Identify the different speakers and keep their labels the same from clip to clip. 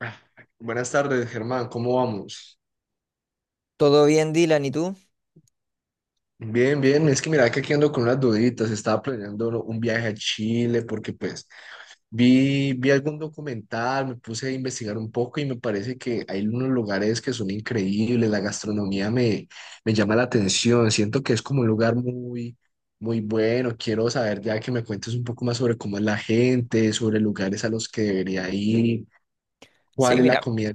Speaker 1: Ah, buenas tardes, Germán, ¿cómo vamos?
Speaker 2: ¿Todo bien, Dylan? ¿Y tú?
Speaker 1: Bien, bien, es que mira que aquí ando con unas duditas, estaba planeando un viaje a Chile porque pues vi algún documental, me puse a investigar un poco y me parece que hay unos lugares que son increíbles, la me llama la atención, siento que es como un lugar muy bueno, quiero saber ya que me cuentes un poco más sobre cómo es la gente, sobre lugares a los que debería ir cuál
Speaker 2: Sí,
Speaker 1: es la
Speaker 2: mira,
Speaker 1: comida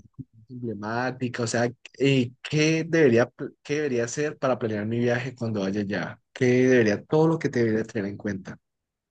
Speaker 1: emblemática, o sea, qué debería, qué debería hacer para planear mi viaje cuando vaya allá, qué debería, todo lo que te debería tener en cuenta.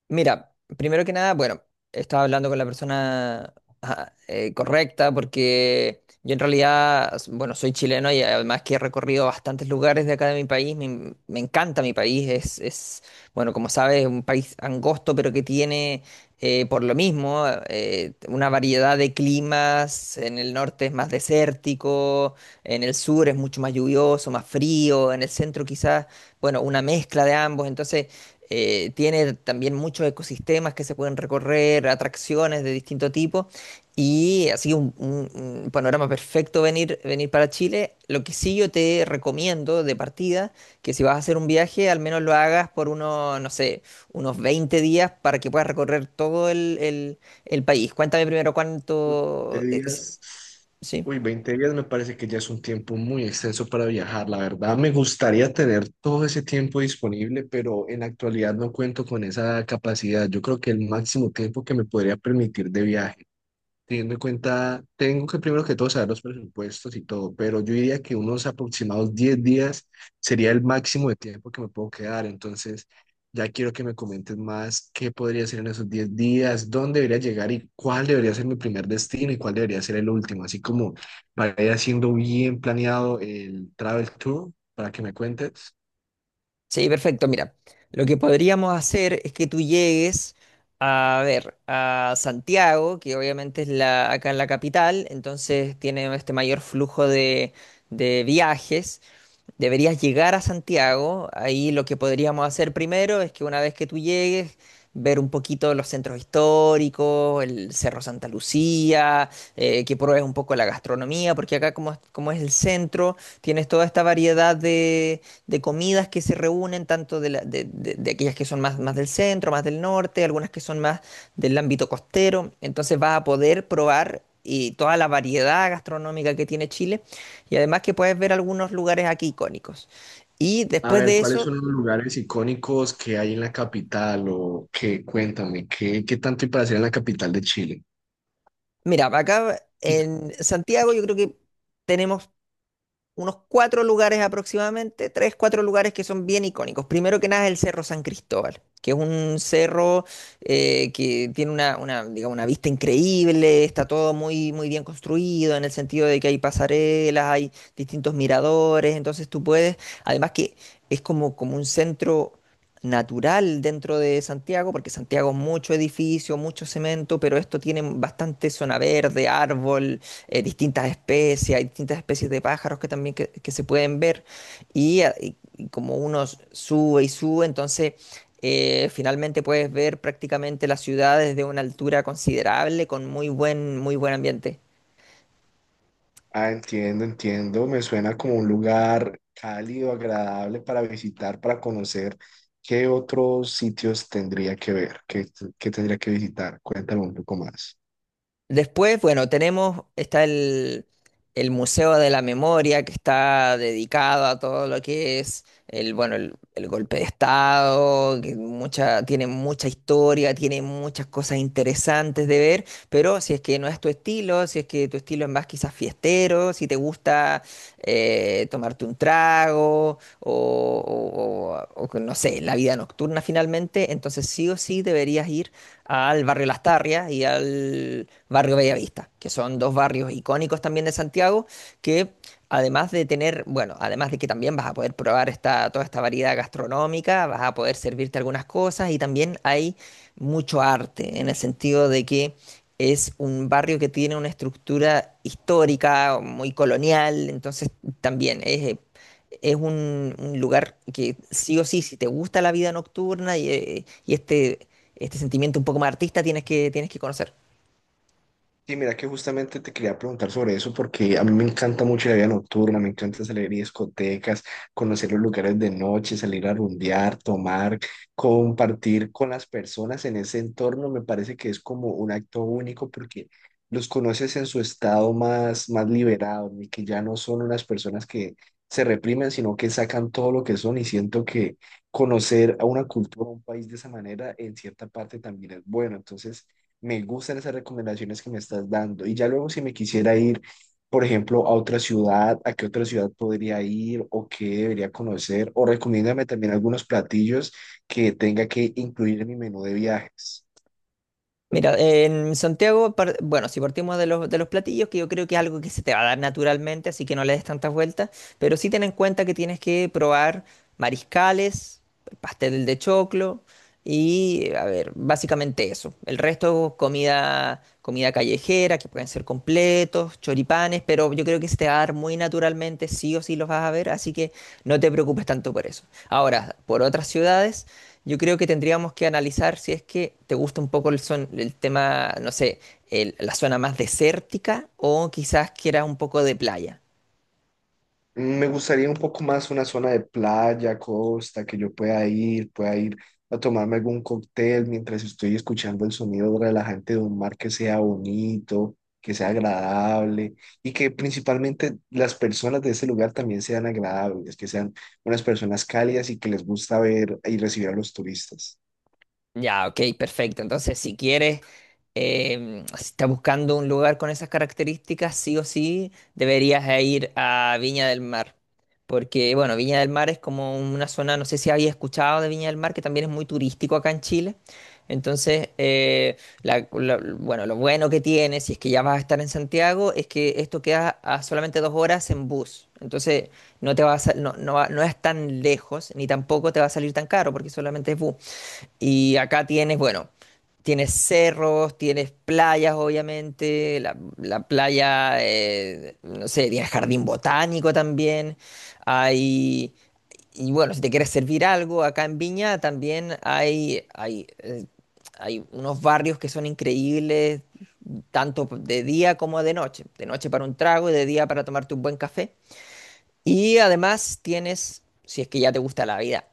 Speaker 2: Mira, primero que nada, bueno, estaba hablando con la persona, ajá, correcta, porque yo en realidad, bueno, soy chileno y además que he recorrido bastantes lugares de acá de mi país, me encanta mi país, es, bueno, como sabes, un país angosto pero que tiene por lo mismo una variedad de climas. En el norte es más desértico, en el sur es mucho más lluvioso, más frío, en el centro quizás, bueno, una mezcla de ambos. Entonces tiene también muchos ecosistemas que se pueden recorrer, atracciones de distinto tipo, y así un panorama perfecto venir para Chile. Lo que sí yo te recomiendo de partida, que si vas a hacer un viaje, al menos lo hagas por unos, no sé, unos 20 días, para que puedas recorrer todo el país. Cuéntame primero
Speaker 1: Uy, 20
Speaker 2: cuánto
Speaker 1: días,
Speaker 2: ¿sí?
Speaker 1: uy, 20 días me parece que ya es un tiempo muy extenso para viajar, la verdad. Me gustaría tener todo ese tiempo disponible, pero en la actualidad no cuento con esa capacidad. Yo creo que el máximo tiempo que me podría permitir de viaje. Teniendo en cuenta, tengo que primero que todo saber los presupuestos y todo, pero yo diría que unos aproximados 10 días sería el máximo de tiempo que me puedo quedar. Entonces, ya quiero que me comentes más qué podría hacer en esos 10 días, dónde debería llegar y cuál debería ser mi primer destino y cuál debería ser el último. Así como para ir haciendo bien planeado el travel tour, para que me cuentes.
Speaker 2: Sí, perfecto. Mira, lo que podríamos hacer es que tú llegues a ver a Santiago, que obviamente es acá en la capital, entonces tiene este mayor flujo de viajes. Deberías llegar a Santiago. Ahí lo que podríamos hacer primero es que, una vez que tú llegues, ver un poquito los centros históricos, el Cerro Santa Lucía, que pruebes un poco la gastronomía, porque acá como, como es el centro, tienes toda esta variedad de comidas que se reúnen, tanto de, la- de aquellas que son más, más del centro, más del norte, algunas que son más del ámbito costero. Entonces vas a poder probar y toda la variedad gastronómica que tiene Chile, y además que puedes ver algunos lugares aquí icónicos. Y
Speaker 1: A
Speaker 2: después
Speaker 1: ver,
Speaker 2: de
Speaker 1: ¿cuáles
Speaker 2: eso.
Speaker 1: son los lugares icónicos que hay en la capital o qué? Cuéntame, qué tanto hay para hacer en la capital de Chile?
Speaker 2: Mira, acá en Santiago yo creo que tenemos unos cuatro lugares aproximadamente, tres, cuatro lugares que son bien icónicos. Primero que nada es el Cerro San Cristóbal, que es un cerro que tiene digamos, una vista increíble, está todo muy, muy bien construido, en el sentido de que hay pasarelas, hay distintos miradores. Entonces tú puedes, además que es como, como un centro natural dentro de Santiago, porque Santiago es mucho edificio, mucho cemento, pero esto tiene bastante zona verde, árbol, distintas especies, hay distintas especies de pájaros que también que se pueden ver, y, como uno sube y sube. Entonces finalmente puedes ver prácticamente la ciudad desde una altura considerable, con muy buen ambiente.
Speaker 1: Ah, entiendo, entiendo. Me suena como un lugar cálido, agradable para visitar, para conocer. ¿Qué otros sitios tendría que ver? Qué tendría que visitar? Cuéntame un poco más.
Speaker 2: Después, bueno, tenemos, está el Museo de la Memoria, que está dedicado a todo lo que es bueno, el golpe de Estado, que tiene mucha historia, tiene muchas cosas interesantes de ver. Pero si es que no es tu estilo, si es que tu estilo es más quizás fiestero, si te gusta tomarte un trago o que no sé, la vida nocturna finalmente, entonces sí o sí deberías ir al barrio Las Tarrias y al barrio Bellavista, que son dos barrios icónicos también de Santiago, que además de tener, bueno, además de que también vas a poder probar esta, toda esta variedad gastronómica, vas a poder servirte algunas cosas, y también hay mucho arte, en el sentido de que es un barrio que tiene una estructura histórica, muy colonial. Entonces también es es un lugar que sí o sí, si te gusta la vida nocturna y este sentimiento un poco más artista, tienes que conocer.
Speaker 1: Sí, mira que justamente te quería preguntar sobre eso porque a mí me encanta mucho la vida nocturna, me encanta salir a discotecas, conocer los lugares de noche, salir a rumbear, tomar, compartir con las personas en ese entorno, me parece que es como un acto único porque los conoces en su estado más liberado y que ya no son unas personas que se reprimen, sino que sacan todo lo que son y siento que conocer a una cultura, a un país de esa manera en cierta parte también es bueno, entonces. Me gustan esas recomendaciones que me estás dando. Y ya luego si me quisiera ir, por ejemplo, a otra ciudad, ¿a qué otra ciudad podría ir o qué debería conocer? O recomiéndame también algunos platillos que tenga que incluir en mi menú de viajes.
Speaker 2: Mira, en Santiago, bueno, si partimos de los platillos, que yo creo que es algo que se te va a dar naturalmente, así que no le des tantas vueltas, pero sí ten en cuenta que tienes que probar mariscales, pastel de choclo y, a ver, básicamente eso. El resto, comida, comida callejera, que pueden ser completos, choripanes, pero yo creo que se te va a dar muy naturalmente, sí o sí los vas a ver, así que no te preocupes tanto por eso. Ahora, por otras ciudades. Yo creo que tendríamos que analizar si es que te gusta un poco el tema, no sé, la zona más desértica, o quizás quieras un poco de playa.
Speaker 1: Me gustaría un poco más una zona de playa, costa, que yo pueda ir a tomarme algún cóctel mientras estoy escuchando el sonido relajante de un mar que sea bonito, que sea agradable y que principalmente las personas de ese lugar también sean agradables, que sean unas personas cálidas y que les gusta ver y recibir a los turistas.
Speaker 2: Ya, ok, perfecto. Entonces, si quieres, si estás buscando un lugar con esas características, sí o sí deberías ir a Viña del Mar, porque, bueno, Viña del Mar es como una zona, no sé si habías escuchado de Viña del Mar, que también es muy turístico acá en Chile. Entonces, bueno, lo bueno que tiene, si es que ya vas a estar en Santiago, es que esto queda a solamente 2 horas en bus. Entonces, no te va a, sa- no, no va- no es tan lejos, ni tampoco te va a salir tan caro, porque solamente es bus. Y acá tienes, bueno, tienes cerros, tienes playas, obviamente, la playa, no sé, tienes jardín botánico también, hay. Y bueno, si te quieres servir algo, acá en Viña también hay, hay unos barrios que son increíbles, tanto de día como de noche. De noche para un trago y de día para tomarte un buen café. Y además tienes, si es que ya te gusta la vida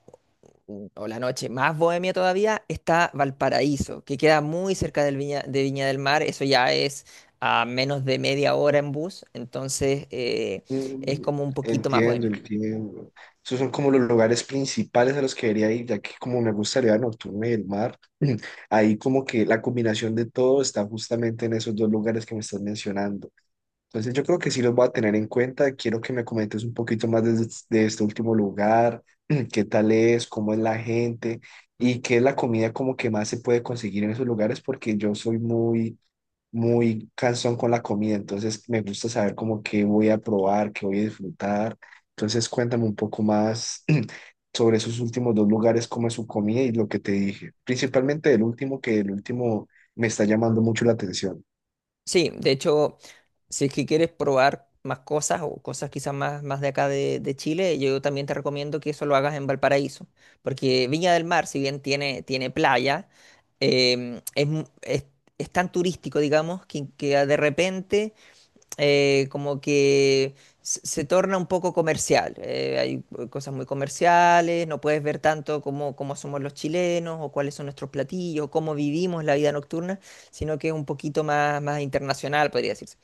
Speaker 2: o la noche más bohemia todavía, está Valparaíso, que queda muy cerca del Viña, de Viña del Mar. Eso ya es a menos de media hora en bus. Entonces es
Speaker 1: Mm,
Speaker 2: como un poquito más
Speaker 1: entiendo,
Speaker 2: bohemio.
Speaker 1: entiendo. Esos son como los lugares principales a los que debería ir, ya que como me gusta la vida nocturna y el mar, ahí como que la combinación de todo está justamente en esos dos lugares que me estás mencionando. Entonces yo creo que sí los voy a tener en cuenta. Quiero que me comentes un poquito más de este último lugar, qué tal es, cómo es la gente y qué es la comida como que más se puede conseguir en esos lugares, porque yo soy muy cansón con la comida, entonces me gusta saber como qué voy a probar, qué voy a disfrutar. Entonces cuéntame un poco más sobre esos últimos dos lugares, cómo es su comida y lo que te dije. Principalmente el último, que el último me está llamando mucho la atención.
Speaker 2: Sí, de hecho, si es que quieres probar más cosas, o cosas quizás más, más de acá de Chile, yo también te recomiendo que eso lo hagas en Valparaíso, porque Viña del Mar, si bien tiene, playa, em, es, mu- es- es tan turístico, digamos, que de repente como que se torna un poco comercial. Hay cosas muy comerciales, no puedes ver tanto cómo, somos los chilenos, o cuáles son nuestros platillos, cómo vivimos la vida nocturna, sino que es un poquito más, más internacional, podría decirse.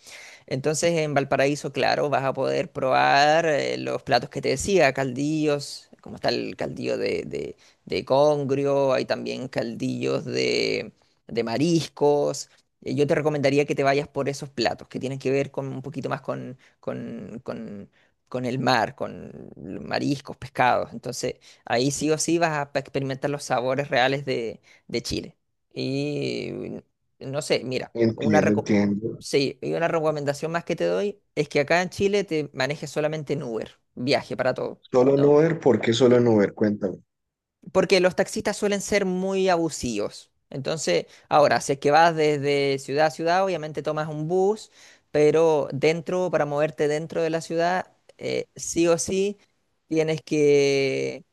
Speaker 2: Entonces en Valparaíso, claro, vas a poder probar los platos que te decía, caldillos, como está el caldillo de congrio, hay también caldillos de mariscos. Yo te recomendaría que te vayas por esos platos que tienen que ver con un poquito más con el mar, con mariscos, pescados. Entonces ahí sí o sí vas a experimentar los sabores reales de Chile. Y no sé, mira, una
Speaker 1: Entiendo,
Speaker 2: recomendación.
Speaker 1: entiendo.
Speaker 2: Sí, y una recomendación más que te doy es que acá en Chile te manejes solamente en Uber, viaje para todo,
Speaker 1: Solo en
Speaker 2: ¿no?
Speaker 1: Uber, ¿por qué solo en
Speaker 2: Sí.
Speaker 1: Uber? Cuéntame.
Speaker 2: Porque los taxistas suelen ser muy abusivos. Entonces, ahora, si es que vas desde ciudad a ciudad, obviamente tomas un bus, pero dentro, para moverte dentro de la ciudad, sí o sí, tienes que,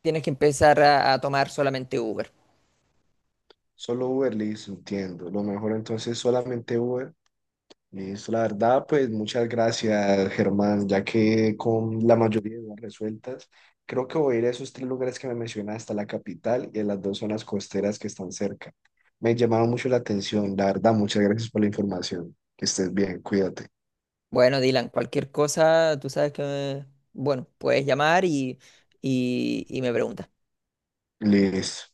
Speaker 2: tienes que empezar a tomar solamente Uber.
Speaker 1: Solo Uber, listo, entiendo. Lo mejor entonces solamente Uber. Listo, la verdad, pues muchas gracias, Germán, ya que con la mayoría de dudas resueltas, creo que voy a ir a esos tres lugares que me mencionaste, a la capital y a las dos zonas costeras que están cerca. Me llamaron mucho la atención, la verdad, muchas gracias por la información. Que estés bien, cuídate.
Speaker 2: Bueno, Dylan, cualquier cosa, tú sabes que, bueno, puedes llamar y me preguntas.
Speaker 1: Listo.